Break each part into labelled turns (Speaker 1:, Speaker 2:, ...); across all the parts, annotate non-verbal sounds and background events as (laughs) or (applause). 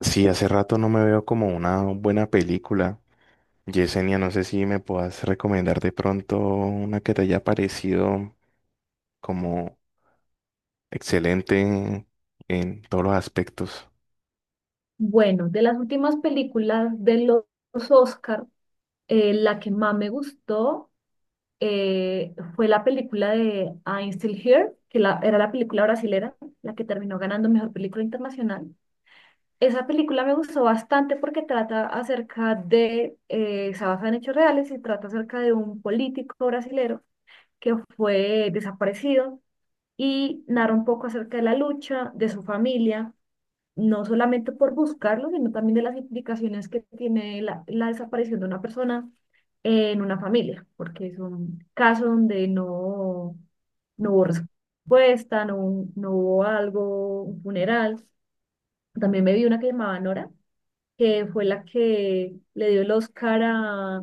Speaker 1: Sí, hace rato no me veo como una buena película. Yesenia, no sé si me puedas recomendar de pronto una que te haya parecido como excelente en todos los aspectos.
Speaker 2: Bueno, de las últimas películas de los Oscar, la que más me gustó fue la película de I'm Still Here, que era la película brasilera, la que terminó ganando Mejor Película Internacional. Esa película me gustó bastante porque trata acerca de, se basa en hechos reales y trata acerca de un político brasilero que fue desaparecido y narra un poco acerca de la lucha, de su familia no solamente por buscarlo, sino también de las implicaciones que tiene la desaparición de una persona en una familia, porque es un caso donde no, no hubo respuesta, no, no hubo algo, un funeral. También me vi una que llamaba Nora, que fue la que le dio el Oscar a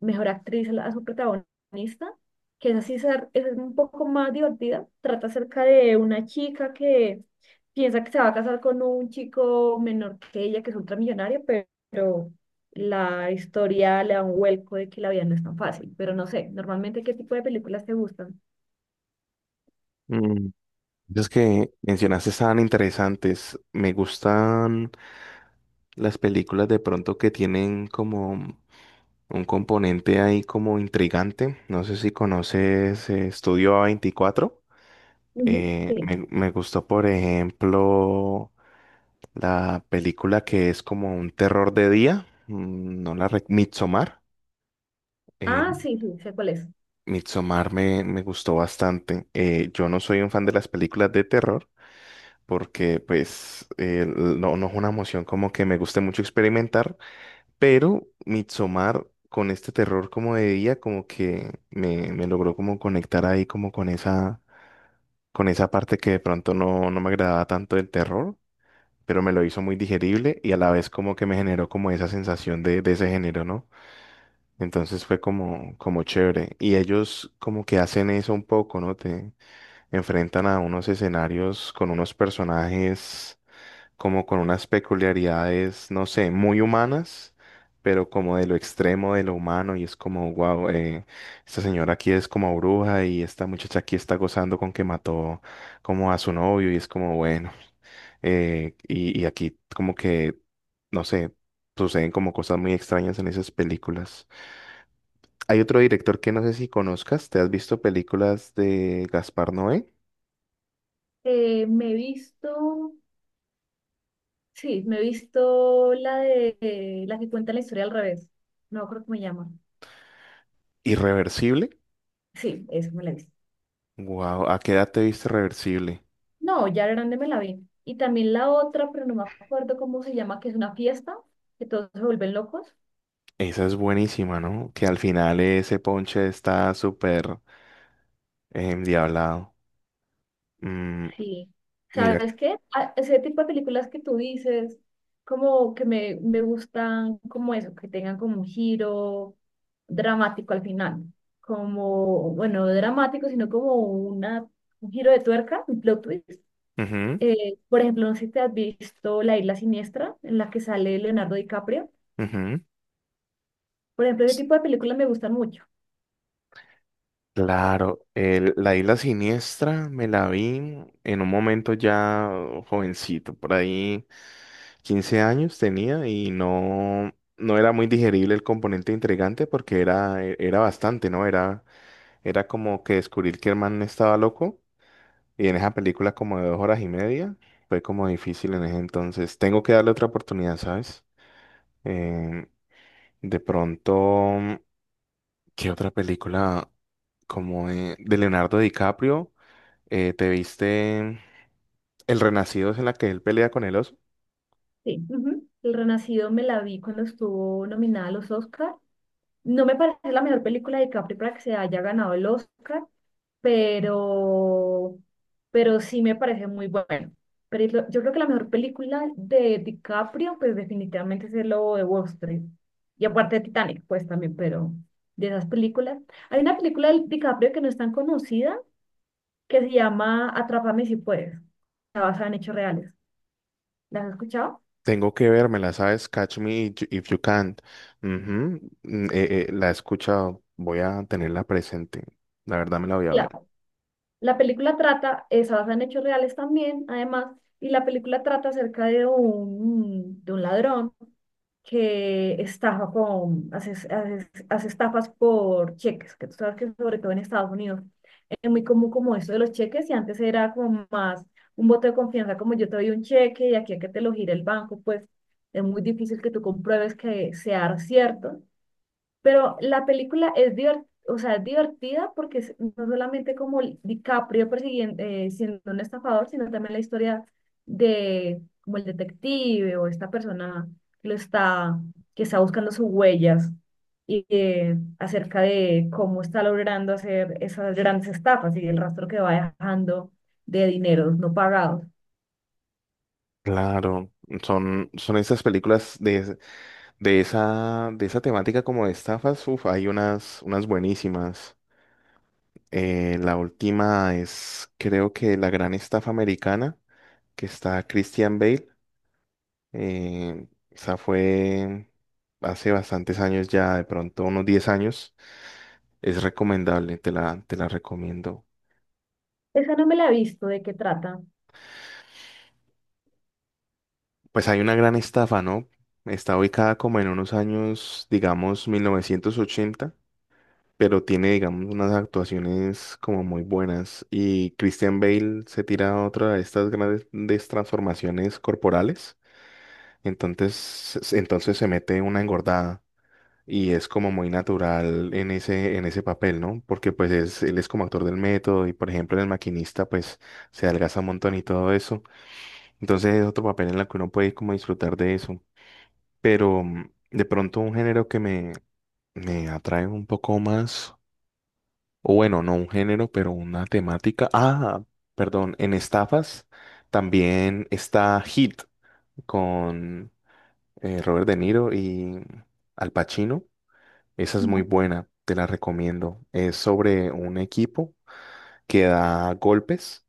Speaker 2: mejor actriz a, a su protagonista, que es así, es un poco más divertida. Trata acerca de una chica que piensa que se va a casar con un chico menor que ella, que es ultramillonario, pero la historia le da un vuelco de que la vida no es tan fácil. Pero no sé, normalmente, ¿qué tipo de películas te gustan?
Speaker 1: Mm, Esas que mencionaste estaban interesantes. Me gustan las películas de pronto que tienen como un componente ahí como intrigante. No sé si conoces Estudio A24.
Speaker 2: Ujú.
Speaker 1: Eh, me,
Speaker 2: Sí.
Speaker 1: me gustó, por ejemplo. La película que es como un terror de día, no la rec- Midsommar. eh,
Speaker 2: Ah, sí, sí, sé cuál es.
Speaker 1: Midsommar me gustó bastante. Yo no soy un fan de las películas de terror porque pues no es una emoción como que me guste mucho experimentar, pero Midsommar con este terror como de día como que me logró como conectar ahí como con esa parte que de pronto no me agradaba tanto del terror, pero me lo hizo muy digerible y a la vez como que me generó como esa sensación de ese género, ¿no? Entonces fue como, como chévere. Y ellos como que hacen eso un poco, ¿no? Te enfrentan a unos escenarios con unos personajes como con unas peculiaridades, no sé, muy humanas, pero como de lo extremo de lo humano y es como, wow, esta señora aquí es como bruja y esta muchacha aquí está gozando con que mató como a su novio y es como, bueno. Y aquí como que, no sé, suceden como cosas muy extrañas en esas películas. Hay otro director que no sé si conozcas, ¿te has visto películas de Gaspar Noé?
Speaker 2: Me he visto. Sí, me he visto la de la que cuenta la historia al revés. No me acuerdo cómo se llama.
Speaker 1: Irreversible.
Speaker 2: Sí, esa me la he visto.
Speaker 1: Wow, ¿a qué edad te viste Reversible?
Speaker 2: No, ya grande me la vi. Y también la otra, pero no me acuerdo cómo se llama, que es una fiesta, que todos se vuelven locos.
Speaker 1: Esa es buenísima, ¿no? Que al final ese ponche está súper endiablado. Mm,
Speaker 2: Sí.
Speaker 1: mira.
Speaker 2: ¿Sabes qué? Ese tipo de películas que tú dices, como que me gustan como eso, que tengan como un giro dramático al final. Como, bueno, no dramático, sino como una, un giro de tuerca, un plot twist.
Speaker 1: Ujú,
Speaker 2: Por ejemplo, no sé si te has visto La Isla Siniestra, en la que sale Leonardo DiCaprio.
Speaker 1: ujú.
Speaker 2: Por ejemplo, ese tipo de películas me gustan mucho.
Speaker 1: Claro, la isla siniestra me la vi en un momento ya jovencito, por ahí 15 años tenía y no era muy digerible el componente intrigante porque era bastante, ¿no? Era, era como que descubrir que el man estaba loco y en esa película como de 2 horas y media fue como difícil en ese entonces. Tengo que darle otra oportunidad, ¿sabes? Em, de pronto, ¿qué otra película como de Leonardo DiCaprio? ¿Te viste El Renacido es en la que él pelea con el oso?
Speaker 2: Sí. Ujú. El Renacido me la vi cuando estuvo nominada a los Oscar. No me parece la mejor película de DiCaprio para que se haya ganado el Oscar, pero, pero sí me parece muy bueno. Pero es yo creo que la mejor película de DiCaprio, pues definitivamente es El Lobo de Wall Street. Y aparte de Titanic, pues también, pero de esas películas. Hay una película de DiCaprio que no es tan conocida, que se llama Atrápame si puedes. Está basada en hechos reales. ¿La has escuchado?
Speaker 1: Tengo que vérmela, ¿sabes? Catch me if you can't. Ujú, la he escuchado, voy a tenerla presente. La verdad me la voy a
Speaker 2: la
Speaker 1: ver.
Speaker 2: La película trata, es basada en hechos reales también, además, y la película trata acerca de un ladrón que estafa con, hace estafas por cheques, que tú sabes que sobre todo en Estados Unidos es muy común como esto de los cheques y antes era como más un voto de confianza, como yo te doy un cheque y aquí a que te lo gire el banco, pues es muy difícil que tú compruebes que sea cierto. Pero la película es divertida, o sea, es divertida porque es no solamente como DiCaprio persiguiendo, siendo un estafador, sino también la historia de como el detective o esta persona que lo está, que está buscando sus huellas y acerca de cómo está logrando hacer esas grandes estafas y el rastro que va dejando de dineros no pagados.
Speaker 1: Claro, son esas películas de esa temática como de estafas. Uf, hay unas, unas buenísimas. La última es, creo que La Gran Estafa Americana, que está Christian Bale. Esa fue hace bastantes años ya, de pronto unos 10 años. Es recomendable, te la recomiendo.
Speaker 2: Esa no me la he visto, ¿de qué trata?
Speaker 1: Pues hay una gran estafa, ¿no? Está ubicada como en unos años, digamos, 1980, pero tiene, digamos, unas actuaciones como muy buenas. Y Christian Bale se tira a otra de estas grandes transformaciones corporales. Entonces, entonces se mete una engordada y es como muy natural en ese papel, ¿no? Porque pues es, él es como actor del método y, por ejemplo, en El Maquinista, pues se adelgaza un montón y todo eso. Entonces es otro papel en el que uno puede como disfrutar de eso. Pero de pronto un género me atrae un poco más, o bueno, no un género, pero una temática. Ah, perdón, en estafas también está Hit con Robert De Niro y Al Pacino. Esa es muy buena, te la recomiendo. Es sobre un equipo que da golpes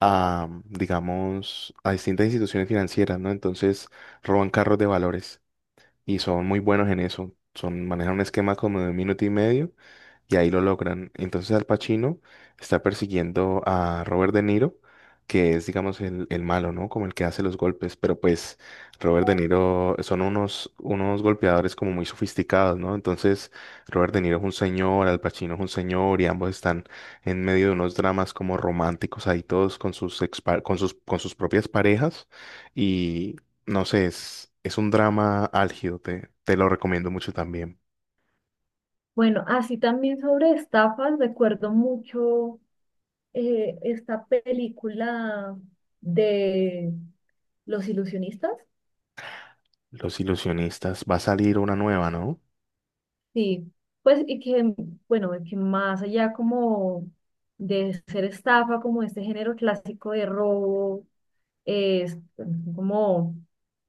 Speaker 1: a, digamos, a distintas instituciones financieras, ¿no? Entonces roban carros de valores y son muy buenos en eso. Son, manejan un esquema como de un minuto y medio y ahí lo logran. Entonces Al Pacino está persiguiendo a Robert De Niro, que es, digamos, el malo, ¿no? Como el que hace los golpes, pero pues Robert De Niro son unos, unos golpeadores como muy sofisticados, ¿no? Entonces Robert De Niro es un señor, Al Pacino es un señor y ambos están en medio de unos dramas como románticos ahí todos con con con sus propias parejas y no sé, es un drama álgido, te lo recomiendo mucho también.
Speaker 2: Bueno, así también sobre estafas, recuerdo mucho esta película de los ilusionistas.
Speaker 1: Los ilusionistas. Va a salir una nueva, ¿no?
Speaker 2: Sí, pues y que, bueno, que más allá como de ser estafa, como este género clásico de robo, es como,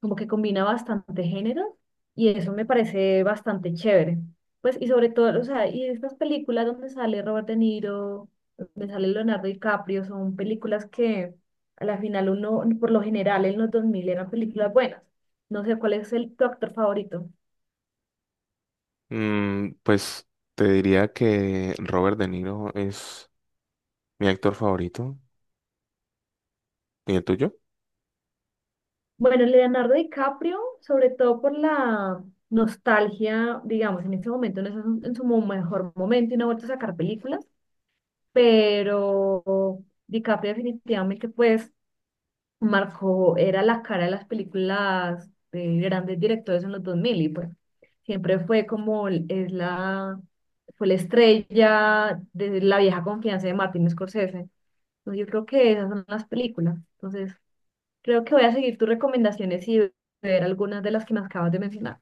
Speaker 2: como que combina bastante género y eso me parece bastante chévere. Pues, y sobre todo, o sea, y estas películas donde sale Robert De Niro, donde sale Leonardo DiCaprio, son películas que a la final uno, por lo general en los 2000 eran películas buenas. No sé cuál es el, tu actor favorito.
Speaker 1: Mm, pues te diría que Robert De Niro es mi actor favorito. ¿Y el tuyo?
Speaker 2: Bueno, Leonardo DiCaprio, sobre todo por la nostalgia, digamos, en este momento no es en su mejor momento y no ha vuelto a sacar películas pero DiCaprio definitivamente pues marcó, era la cara de las películas de grandes directores en los 2000 y pues siempre fue como es la, fue la estrella de la vieja confianza de Martin Scorsese. Entonces, yo creo que esas son las películas. Entonces creo que voy a seguir tus recomendaciones y ver algunas de las que me acabas de mencionar.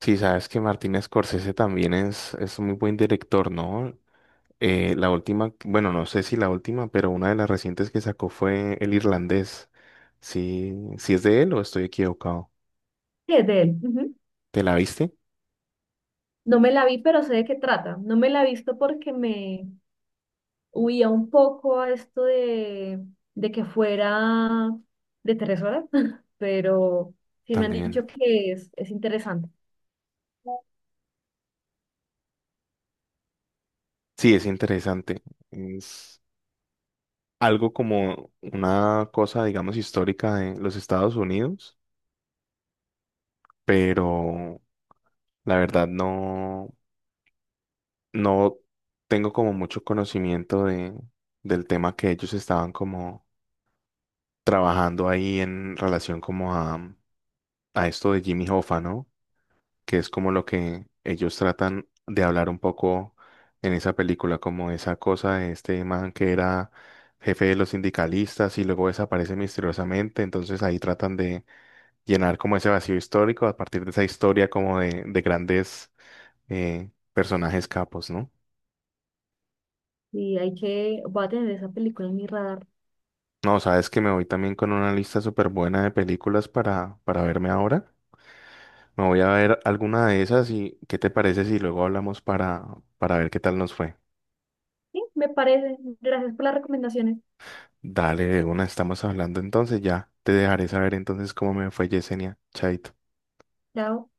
Speaker 1: Sí, sabes que Martin Scorsese también es un muy buen director, ¿no? La última, bueno, no sé si la última, pero una de las recientes que sacó fue El Irlandés. Sí, sí es de él o estoy equivocado.
Speaker 2: Sí, es de él. Ujú.
Speaker 1: ¿Te la viste?
Speaker 2: No me la vi, pero sé de qué trata. No me la he visto porque me, huía un poco a esto de que fuera de 3 horas, (laughs) pero sí me han
Speaker 1: También.
Speaker 2: dicho que es interesante
Speaker 1: Sí, es interesante. Es algo como una cosa, digamos, histórica de los Estados Unidos, pero la verdad no tengo como mucho conocimiento del tema que ellos estaban como trabajando ahí en relación como a esto de Jimmy Hoffa, ¿no? Que es como lo que ellos tratan de hablar un poco en esa película, como esa cosa de este man que era jefe de los sindicalistas y luego desaparece misteriosamente, entonces ahí tratan de llenar como ese vacío histórico a partir de esa historia como de grandes personajes capos, ¿no?
Speaker 2: y hay que, voy a tener esa película en mi radar.
Speaker 1: No, sabes que me voy también con una lista súper buena de películas para verme ahora. Me voy a ver alguna de esas y ¿qué te parece si luego hablamos para ver qué tal nos fue?
Speaker 2: Sí, me parece. Gracias por las recomendaciones.
Speaker 1: Dale, de una, estamos hablando entonces ya. Te dejaré saber entonces cómo me fue, Yesenia. Chaito.
Speaker 2: Chao.